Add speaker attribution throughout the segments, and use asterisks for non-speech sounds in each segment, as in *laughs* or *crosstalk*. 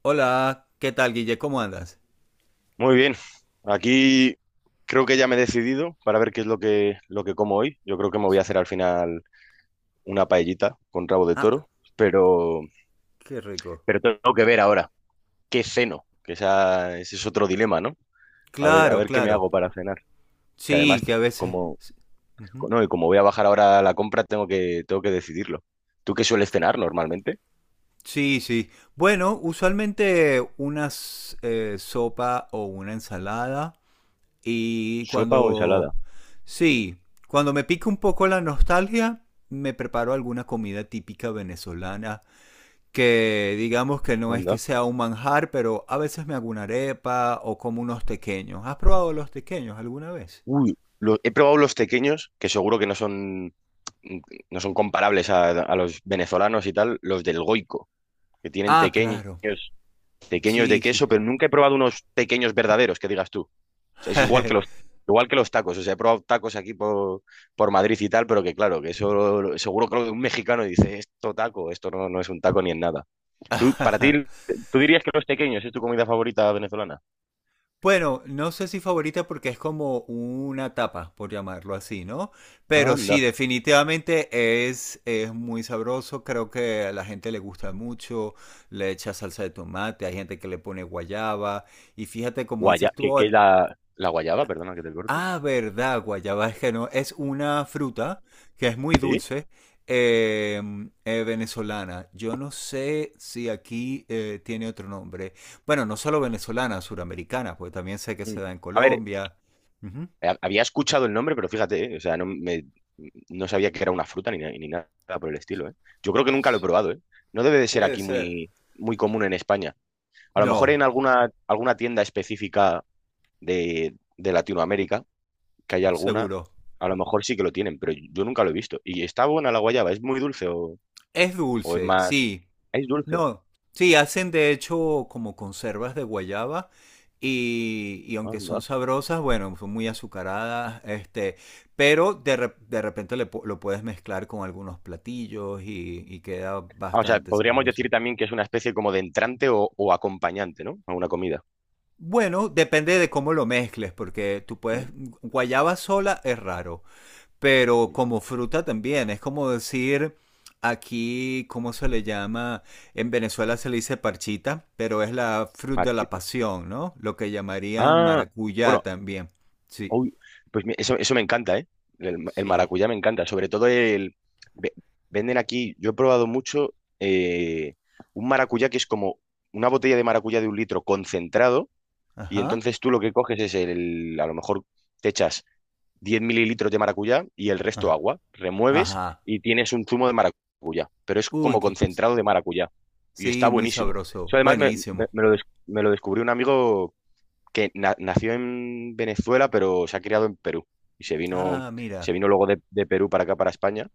Speaker 1: Hola, ¿qué tal, Guille? ¿Cómo andas?
Speaker 2: Muy bien, aquí creo que ya me he decidido para ver qué es lo que como hoy. Yo creo que me voy a hacer al final una paellita con rabo de
Speaker 1: Ah,
Speaker 2: toro, pero,
Speaker 1: qué rico.
Speaker 2: pero tengo que ver ahora qué ceno, que ese es otro dilema, ¿no? A ver, a
Speaker 1: Claro,
Speaker 2: ver qué me
Speaker 1: claro.
Speaker 2: hago para cenar, que además,
Speaker 1: Sí, que a veces...
Speaker 2: como,
Speaker 1: Ujú.
Speaker 2: no, y como voy a bajar ahora a la compra, tengo que decidirlo. ¿Tú qué sueles cenar normalmente?
Speaker 1: Sí, sí. Bueno, usualmente una sopa o una ensalada. Y
Speaker 2: ¿Sopa o ensalada?
Speaker 1: cuando... Sí, cuando me pica un poco la nostalgia, me preparo alguna comida típica venezolana. Que digamos que no es que
Speaker 2: Anda.
Speaker 1: sea un manjar, pero a veces me hago una arepa o como unos tequeños. ¿Has probado los tequeños alguna vez?
Speaker 2: Uy, he probado los tequeños, que seguro que no son comparables a los venezolanos y tal, los del Goico, que tienen
Speaker 1: Ah,
Speaker 2: tequeños,
Speaker 1: claro.
Speaker 2: tequeños de
Speaker 1: Sí, sí.
Speaker 2: queso, pero nunca he probado unos tequeños verdaderos, que digas tú. O sea, es igual que igual que los tacos. O sea, he probado tacos por Madrid y tal, pero que claro, que eso seguro que lo de un mexicano y dice, esto taco, esto no, no es un taco ni en nada. Tú, para ti,
Speaker 1: *laughs*
Speaker 2: ¿Tú dirías que los tequeños es tu comida favorita venezolana?
Speaker 1: Bueno, no sé si favorita porque es como una tapa, por llamarlo así, ¿no? Pero sí,
Speaker 2: Anda.
Speaker 1: definitivamente es muy sabroso, creo que a la gente le gusta mucho, le echa salsa de tomate, hay gente que le pone guayaba, y fíjate como
Speaker 2: Guaya,
Speaker 1: dices tú,
Speaker 2: la guayaba, perdona que te corte.
Speaker 1: Ah, verdad, guayaba es que no, es una fruta que es muy
Speaker 2: Sí.
Speaker 1: dulce, eh, venezolana. Yo no sé si aquí tiene otro nombre. Bueno, no solo venezolana, suramericana, porque también sé que se
Speaker 2: Mm.
Speaker 1: da en
Speaker 2: A ver,
Speaker 1: Colombia. Ujú.
Speaker 2: había escuchado el nombre, pero fíjate, o sea, no sabía que era una fruta ni, ni nada por el estilo, ¿eh? Yo creo que nunca lo he
Speaker 1: Sí.
Speaker 2: probado, ¿eh? No debe de ser
Speaker 1: Puede
Speaker 2: aquí
Speaker 1: ser.
Speaker 2: muy común en España. A lo mejor
Speaker 1: No,
Speaker 2: en alguna tienda específica de Latinoamérica, que haya alguna,
Speaker 1: seguro.
Speaker 2: a lo mejor sí que lo tienen, pero yo nunca lo he visto. ¿Y está buena la guayaba? ¿Es muy dulce
Speaker 1: Es
Speaker 2: o es
Speaker 1: dulce,
Speaker 2: más...?
Speaker 1: sí.
Speaker 2: Es dulce.
Speaker 1: No, sí, hacen de hecho como conservas de guayaba y aunque son
Speaker 2: Anda.
Speaker 1: sabrosas, bueno, son muy azucaradas, pero de repente lo puedes mezclar con algunos platillos y queda
Speaker 2: Ah, o sea,
Speaker 1: bastante
Speaker 2: podríamos
Speaker 1: sabroso.
Speaker 2: decir también que es una especie como de entrante o acompañante, ¿no? A una comida.
Speaker 1: Bueno, depende de cómo lo mezcles, porque tú puedes,
Speaker 2: Mm.
Speaker 1: guayaba sola es raro, pero como fruta también, es como decir aquí, ¿cómo se le llama? En Venezuela se le dice parchita, pero es la fruta de la
Speaker 2: Marchita.
Speaker 1: pasión, ¿no? Lo que llamarían
Speaker 2: Ah,
Speaker 1: maracuyá
Speaker 2: bueno.
Speaker 1: también. Sí.
Speaker 2: Uy, pues eso, eso me encanta, ¿eh? El
Speaker 1: Sí.
Speaker 2: maracuyá me encanta. Sobre todo el... ve- Venden aquí, yo he probado mucho, un maracuyá que es como una botella de maracuyá de un litro concentrado y
Speaker 1: Ajá.
Speaker 2: entonces tú lo que coges es el... A lo mejor te echas 10 mililitros de maracuyá y el resto
Speaker 1: Ah.
Speaker 2: agua. Remueves
Speaker 1: Ajá.
Speaker 2: y tienes un zumo de maracuyá, pero es
Speaker 1: Uy,
Speaker 2: como
Speaker 1: qué.
Speaker 2: concentrado de maracuyá. Y está
Speaker 1: Sí, muy
Speaker 2: buenísimo. Eso
Speaker 1: sabroso.
Speaker 2: además
Speaker 1: Buenísimo.
Speaker 2: me lo, me lo descubrió un amigo que nació en Venezuela, pero se ha criado en Perú. Y se vino,
Speaker 1: Ah, mira.
Speaker 2: se vino luego de Perú para acá, para España,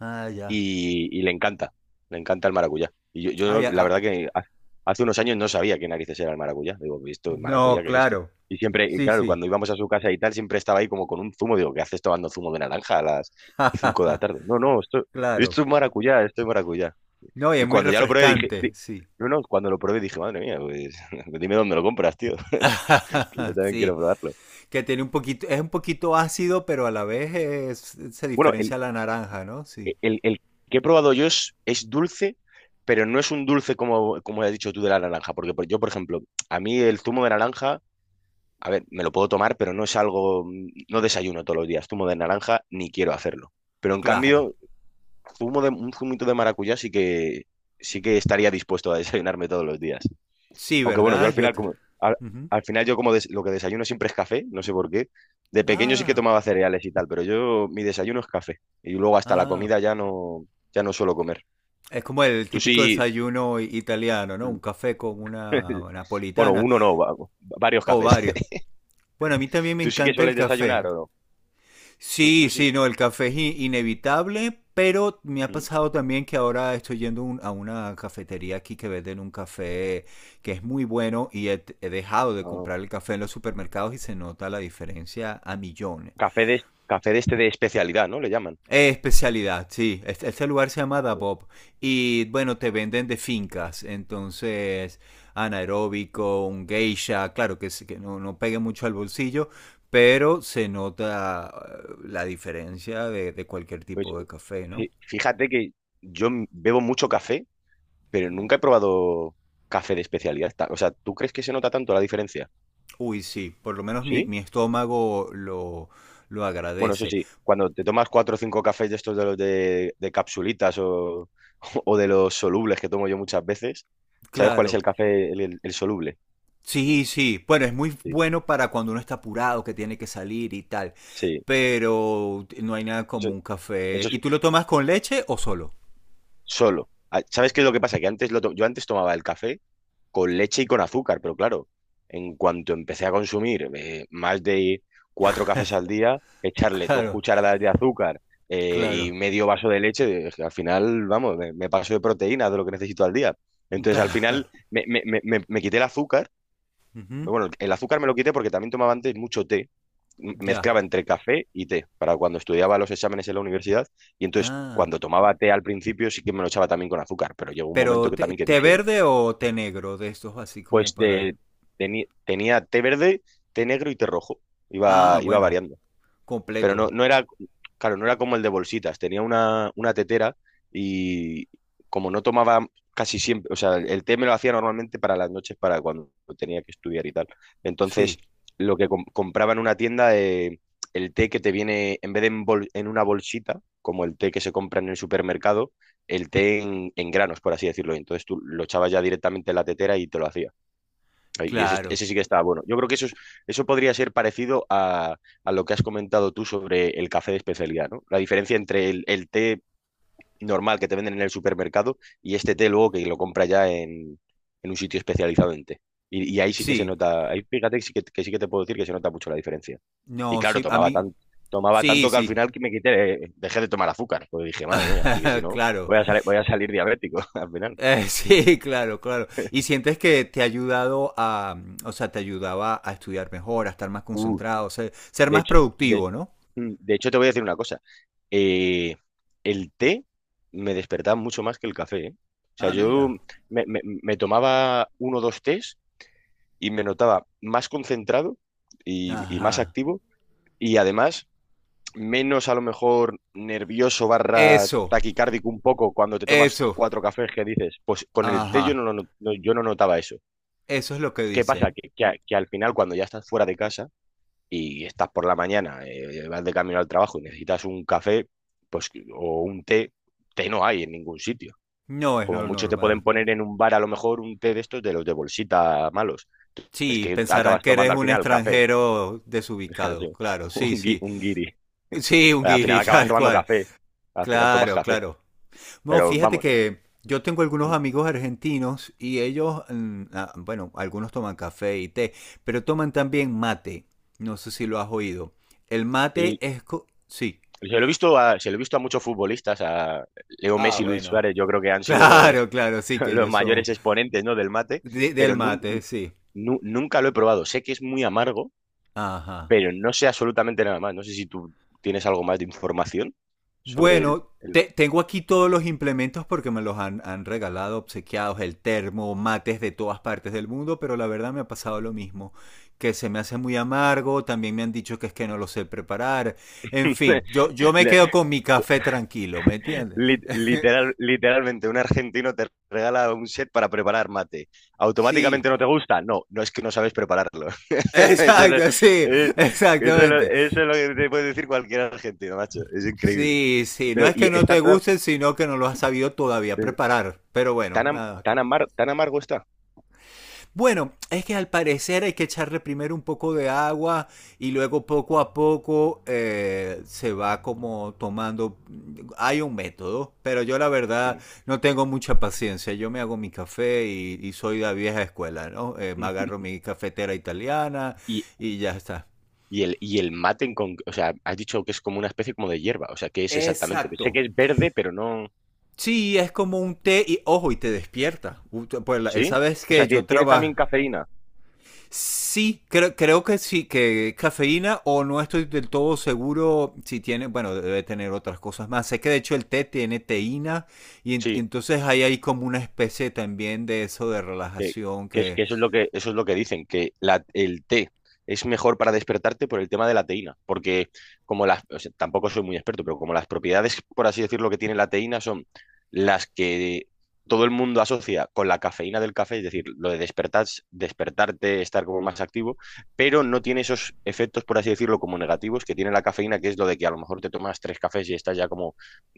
Speaker 1: Ah, ya.
Speaker 2: y le encanta el maracuyá. Y
Speaker 1: Ah,
Speaker 2: yo,
Speaker 1: ya.
Speaker 2: la
Speaker 1: Ah.
Speaker 2: verdad que hace unos años no sabía qué narices era el maracuyá. Digo, ¿esto es
Speaker 1: No,
Speaker 2: maracuyá? ¿Qué es esto?
Speaker 1: claro.
Speaker 2: Y siempre, y
Speaker 1: Sí,
Speaker 2: claro,
Speaker 1: sí.
Speaker 2: cuando íbamos a su casa y tal, siempre estaba ahí como con un zumo. Digo, ¿qué haces tomando zumo de naranja a las 5 de la tarde?
Speaker 1: *laughs*
Speaker 2: No, no, esto,
Speaker 1: Claro.
Speaker 2: esto es maracuyá, esto es maracuyá.
Speaker 1: No, y es
Speaker 2: Y
Speaker 1: muy
Speaker 2: cuando ya lo probé dije...
Speaker 1: refrescante, sí.
Speaker 2: no, no, cuando lo probé dije, madre mía, pues *laughs* dime dónde lo compras, tío, *laughs* que yo
Speaker 1: *laughs*
Speaker 2: también quiero
Speaker 1: Sí.
Speaker 2: probarlo.
Speaker 1: Que tiene un poquito, es un poquito ácido, pero a la vez se
Speaker 2: Bueno,
Speaker 1: diferencia a la naranja, ¿no? Sí,
Speaker 2: el que he probado yo es dulce, pero no es un dulce como, como has dicho tú de la naranja, porque yo, por ejemplo, a mí el zumo de naranja, a ver, me lo puedo tomar, pero no es algo, no desayuno todos los días zumo de naranja, ni quiero hacerlo. Pero en
Speaker 1: claro.
Speaker 2: cambio, zumo de, un zumito de maracuyá sí que estaría dispuesto a desayunarme todos los días.
Speaker 1: Sí,
Speaker 2: Aunque bueno, yo al
Speaker 1: ¿verdad? Yo
Speaker 2: final,
Speaker 1: creo. Ujú.
Speaker 2: al final yo como lo que desayuno siempre es café, no sé por qué. De pequeño sí que
Speaker 1: Ah,
Speaker 2: tomaba cereales y tal, pero yo mi desayuno es café. Y luego hasta la
Speaker 1: ah.
Speaker 2: comida ya no suelo comer.
Speaker 1: Es como el
Speaker 2: Tú
Speaker 1: típico
Speaker 2: sí.
Speaker 1: desayuno italiano, ¿no?
Speaker 2: Mm.
Speaker 1: Un café con una
Speaker 2: *laughs* Bueno,
Speaker 1: napolitana
Speaker 2: uno no, varios
Speaker 1: o
Speaker 2: cafés.
Speaker 1: varios.
Speaker 2: *laughs*
Speaker 1: Bueno, a mí también me
Speaker 2: ¿Tú sí que
Speaker 1: encanta el
Speaker 2: sueles
Speaker 1: café.
Speaker 2: desayunar o no? Tú,
Speaker 1: Sí,
Speaker 2: tú sí.
Speaker 1: sí, no, el café es inevitable, pero me ha
Speaker 2: ¿Mm?
Speaker 1: pasado también que ahora estoy yendo a una cafetería aquí que venden un café que es muy bueno y he dejado de
Speaker 2: Ah.
Speaker 1: comprar el café en los supermercados y se nota la diferencia a millones.
Speaker 2: Café de, café de este de especialidad, ¿no? Le llaman.
Speaker 1: Especialidad, sí. Este lugar se llama Dabob. Y bueno, te venden de fincas. Entonces, anaeróbico, un geisha, claro que, sí, que no, no pegue mucho al bolsillo, pero se nota la diferencia de cualquier
Speaker 2: Pues
Speaker 1: tipo de café, ¿no?
Speaker 2: fíjate que yo bebo mucho café, pero nunca he probado café de especialidad. Ta- O sea, ¿tú crees que se nota tanto la diferencia?
Speaker 1: Uy, sí, por lo menos
Speaker 2: ¿Sí?
Speaker 1: mi estómago lo
Speaker 2: Bueno, eso
Speaker 1: agradece.
Speaker 2: sí, cuando te tomas cuatro o cinco cafés de estos de capsulitas o, *laughs* o de los solubles que tomo yo muchas veces, ¿sabes cuál es
Speaker 1: Claro,
Speaker 2: el café, el soluble?
Speaker 1: sí, sí. Bueno, es muy
Speaker 2: Sí,
Speaker 1: bueno para cuando uno está apurado, que tiene que salir y tal.
Speaker 2: sí,
Speaker 1: Pero no hay nada
Speaker 2: eso,
Speaker 1: como un café.
Speaker 2: eso es
Speaker 1: ¿Y tú lo tomas con leche o solo?
Speaker 2: solo. Ah, ¿sabes qué es lo que pasa? Que antes yo antes tomaba el café con leche y con azúcar, pero claro, en cuanto empecé a consumir más de cuatro cafés al día,
Speaker 1: *laughs*
Speaker 2: echarle dos
Speaker 1: Claro,
Speaker 2: cucharadas de azúcar y
Speaker 1: claro,
Speaker 2: medio vaso de leche, es que al final, vamos, me paso de proteínas de lo que necesito al día. Entonces, al
Speaker 1: claro.
Speaker 2: final, me quité el azúcar.
Speaker 1: Ujú,
Speaker 2: Bueno, el azúcar me lo quité porque también tomaba antes mucho té.
Speaker 1: ya.
Speaker 2: Mezclaba entre café y té para cuando estudiaba los exámenes en la universidad. Y entonces,
Speaker 1: Ah.
Speaker 2: cuando tomaba té al principio, sí que me lo echaba también con azúcar. Pero llegó un
Speaker 1: Pero
Speaker 2: momento que
Speaker 1: té,
Speaker 2: también que
Speaker 1: té
Speaker 2: dije,
Speaker 1: verde o té negro de estos así
Speaker 2: pues
Speaker 1: como para...
Speaker 2: de, tenía té verde, té negro y té rojo.
Speaker 1: Ah,
Speaker 2: Iba
Speaker 1: bueno,
Speaker 2: variando. Pero
Speaker 1: completo.
Speaker 2: no era, claro, no era como el de bolsitas. Tenía una tetera y como no tomaba casi siempre, o sea, el té me lo hacía normalmente para las noches, para cuando tenía que estudiar y tal. Entonces,
Speaker 1: Sí,
Speaker 2: lo que compraba en una tienda, el té que te viene, en vez de en, en una bolsita, como el té que se compra en el supermercado, el té en granos, por así decirlo. Entonces tú lo echabas ya directamente en la tetera y te lo hacía. Y
Speaker 1: claro.
Speaker 2: ese sí que está bueno. Yo creo que eso podría ser parecido a lo que has comentado tú sobre el café de especialidad, ¿no? La diferencia entre el té normal que te venden en el supermercado y este té luego que lo compra ya en un sitio especializado en té. Y ahí sí que se
Speaker 1: Sí.
Speaker 2: nota, ahí fíjate que sí que te puedo decir que se nota mucho la diferencia. Y
Speaker 1: No,
Speaker 2: claro,
Speaker 1: sí, a mí...
Speaker 2: tomaba
Speaker 1: Sí,
Speaker 2: tanto que al
Speaker 1: sí.
Speaker 2: final que me quité, dejé de tomar azúcar. Pues dije, madre mía, así que si
Speaker 1: *laughs*
Speaker 2: no,
Speaker 1: Claro.
Speaker 2: voy a salir diabético *laughs* al final.
Speaker 1: *laughs* Sí, claro, claro. ¿Y sientes que te ha ayudado a, o sea, te ayudaba a estudiar mejor, a estar más
Speaker 2: Uh,
Speaker 1: concentrado, ser
Speaker 2: De
Speaker 1: más
Speaker 2: hecho,
Speaker 1: productivo, ¿no?
Speaker 2: de hecho, te voy a decir una cosa. Eh, el té me despertaba mucho más que el café, ¿eh? O sea,
Speaker 1: Ah,
Speaker 2: yo
Speaker 1: mira.
Speaker 2: me tomaba uno o dos tés y me notaba más concentrado y más
Speaker 1: Ajá.
Speaker 2: activo y además menos a lo mejor nervioso barra
Speaker 1: Eso,
Speaker 2: taquicárdico un poco cuando te tomas
Speaker 1: eso.
Speaker 2: cuatro cafés que dices, pues con el té yo
Speaker 1: Ajá.
Speaker 2: no, lo no- yo no notaba eso.
Speaker 1: Eso es lo que
Speaker 2: ¿Qué pasa?
Speaker 1: dicen.
Speaker 2: Que que al final cuando ya estás fuera de casa y estás por la mañana, vas de camino al trabajo y necesitas un café, pues, o un té, té no hay en ningún sitio.
Speaker 1: No es
Speaker 2: Como
Speaker 1: lo
Speaker 2: mucho te pueden
Speaker 1: normal.
Speaker 2: poner en un bar a lo mejor un té de estos de los de bolsita malos. Es
Speaker 1: Sí,
Speaker 2: que
Speaker 1: pensarán
Speaker 2: acabas
Speaker 1: que eres
Speaker 2: tomando al
Speaker 1: un
Speaker 2: final café.
Speaker 1: extranjero
Speaker 2: *laughs*
Speaker 1: desubicado.
Speaker 2: Sí,
Speaker 1: Claro, sí,
Speaker 2: un,
Speaker 1: sí.
Speaker 2: un guiri. *laughs*
Speaker 1: Sí, un
Speaker 2: Al final
Speaker 1: guiri, *laughs*
Speaker 2: acabas
Speaker 1: tal
Speaker 2: tomando
Speaker 1: cual.
Speaker 2: café. Al final tomas
Speaker 1: Claro,
Speaker 2: café.
Speaker 1: claro. No,
Speaker 2: Pero
Speaker 1: fíjate
Speaker 2: vamos.
Speaker 1: que yo tengo algunos amigos argentinos y ellos, mm, ah, bueno, algunos toman café y té, pero toman también mate. No sé si lo has oído. El mate
Speaker 2: el-
Speaker 1: es... Sí.
Speaker 2: Se lo he visto se lo he visto a muchos futbolistas, a Leo
Speaker 1: Ah,
Speaker 2: Messi y Luis
Speaker 1: bueno. *laughs*
Speaker 2: Suárez, yo creo que han sido los,
Speaker 1: Claro, claro, sí,
Speaker 2: *laughs*
Speaker 1: que
Speaker 2: los
Speaker 1: ellos son
Speaker 2: mayores exponentes, ¿no?, del mate,
Speaker 1: del
Speaker 2: pero
Speaker 1: mate, sí.
Speaker 2: Nunca lo he probado. Sé que es muy amargo,
Speaker 1: Ajá.
Speaker 2: pero no sé absolutamente nada más. No sé si tú tienes algo más de información sobre el...
Speaker 1: Bueno, tengo aquí todos los implementos porque me los han regalado, obsequiados, el termo, mates de todas partes del mundo, pero la verdad me ha pasado lo mismo, que se me hace muy amargo, también me han dicho que es que no lo sé preparar, en
Speaker 2: *laughs*
Speaker 1: fin, yo me
Speaker 2: le-
Speaker 1: quedo con mi café tranquilo, ¿me entiendes? *laughs*
Speaker 2: literal, literalmente, un argentino te regala un set para preparar mate. ¿Automáticamente
Speaker 1: Sí,
Speaker 2: no te gusta? No, no es que no sabes prepararlo. *laughs* Eso es,
Speaker 1: exacto, sí,
Speaker 2: eh,
Speaker 1: exactamente.
Speaker 2: eso es lo que te puede decir cualquier argentino, macho. Es increíble.
Speaker 1: Sí, sí, no
Speaker 2: Pero,
Speaker 1: es
Speaker 2: y
Speaker 1: que no
Speaker 2: está
Speaker 1: te gusten, sino que no lo has sabido todavía
Speaker 2: eh,
Speaker 1: preparar, pero bueno, nada.
Speaker 2: tan amargo está.
Speaker 1: Bueno, es que al parecer hay que echarle primero un poco de agua y luego poco a poco se va como tomando. Hay un método, pero yo la verdad
Speaker 2: Mm.
Speaker 1: no tengo mucha paciencia. Yo me hago mi café y soy de la vieja escuela, ¿no? Me agarro mi cafetera italiana
Speaker 2: *laughs* Y,
Speaker 1: y ya está.
Speaker 2: y el, y el mate, o sea, has dicho que es como una especie como de hierba, o sea, ¿qué es exactamente?
Speaker 1: Exacto.
Speaker 2: Sé que es verde, pero no...
Speaker 1: Sí, es como un té y ojo, y te despierta. Pues esa
Speaker 2: ¿Sí?
Speaker 1: vez
Speaker 2: O
Speaker 1: que
Speaker 2: sea,
Speaker 1: yo
Speaker 2: ¿tiene,
Speaker 1: trabajé.
Speaker 2: también cafeína?
Speaker 1: Sí, creo, creo que sí, que cafeína o no estoy del todo seguro si tiene, bueno, debe tener otras cosas más. Sé que de hecho el té tiene teína y
Speaker 2: Sí.
Speaker 1: entonces ahí hay como una especie también de eso de
Speaker 2: Que,
Speaker 1: relajación
Speaker 2: que es,
Speaker 1: que
Speaker 2: que eso es eso es lo que dicen, que la, el té es mejor para despertarte por el tema de la teína, porque como las, o sea, tampoco soy muy experto, pero como las propiedades, por así decirlo, que tiene la teína son las que todo el mundo asocia con la cafeína del café, es decir, lo de despertar, despertarte, estar como más activo, pero no tiene esos efectos, por así decirlo, como negativos que tiene la cafeína, que es lo de que a lo mejor te tomas tres cafés y estás ya como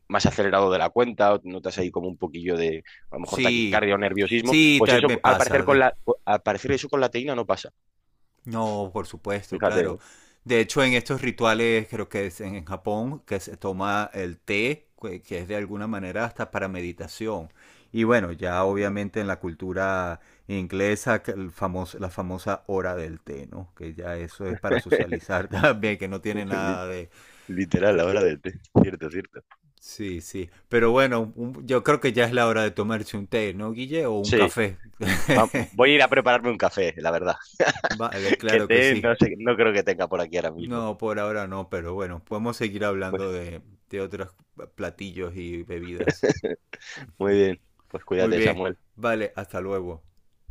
Speaker 2: más acelerado de la cuenta, o notas ahí como un poquillo de, a lo mejor,
Speaker 1: sí,
Speaker 2: taquicardia o nerviosismo,
Speaker 1: sí,
Speaker 2: pues
Speaker 1: tal
Speaker 2: eso,
Speaker 1: me
Speaker 2: al
Speaker 1: pasa.
Speaker 2: parecer, con la, al parecer eso con la teína no pasa.
Speaker 1: No, por supuesto,
Speaker 2: Fíjate,
Speaker 1: claro.
Speaker 2: ¿eh?
Speaker 1: De hecho, en estos rituales, creo que es en Japón, que se toma el té, que es de alguna manera hasta para meditación. Y bueno, ya
Speaker 2: No.
Speaker 1: obviamente en la cultura inglesa, que la famosa hora del té, ¿no? Que ya eso es para
Speaker 2: *laughs*
Speaker 1: socializar *laughs* también, que no tiene
Speaker 2: Li-
Speaker 1: nada de...
Speaker 2: Literal,
Speaker 1: de-
Speaker 2: la hora del té. Cierto, cierto.
Speaker 1: Sí, sí. Pero bueno, yo creo que ya es la hora de tomarse un té, ¿no, Guille? O un
Speaker 2: Sí,
Speaker 1: café. *laughs*
Speaker 2: voy a ir a prepararme un café, la verdad.
Speaker 1: Vale,
Speaker 2: *laughs* Que
Speaker 1: claro que
Speaker 2: té
Speaker 1: sí.
Speaker 2: no sé, no creo que tenga por aquí ahora mismo.
Speaker 1: No, por ahora no, pero bueno, podemos seguir
Speaker 2: Pues
Speaker 1: hablando de otros platillos y bebidas.
Speaker 2: muy bien, pues
Speaker 1: Muy
Speaker 2: cuídate,
Speaker 1: bien,
Speaker 2: Samuel.
Speaker 1: vale, hasta luego.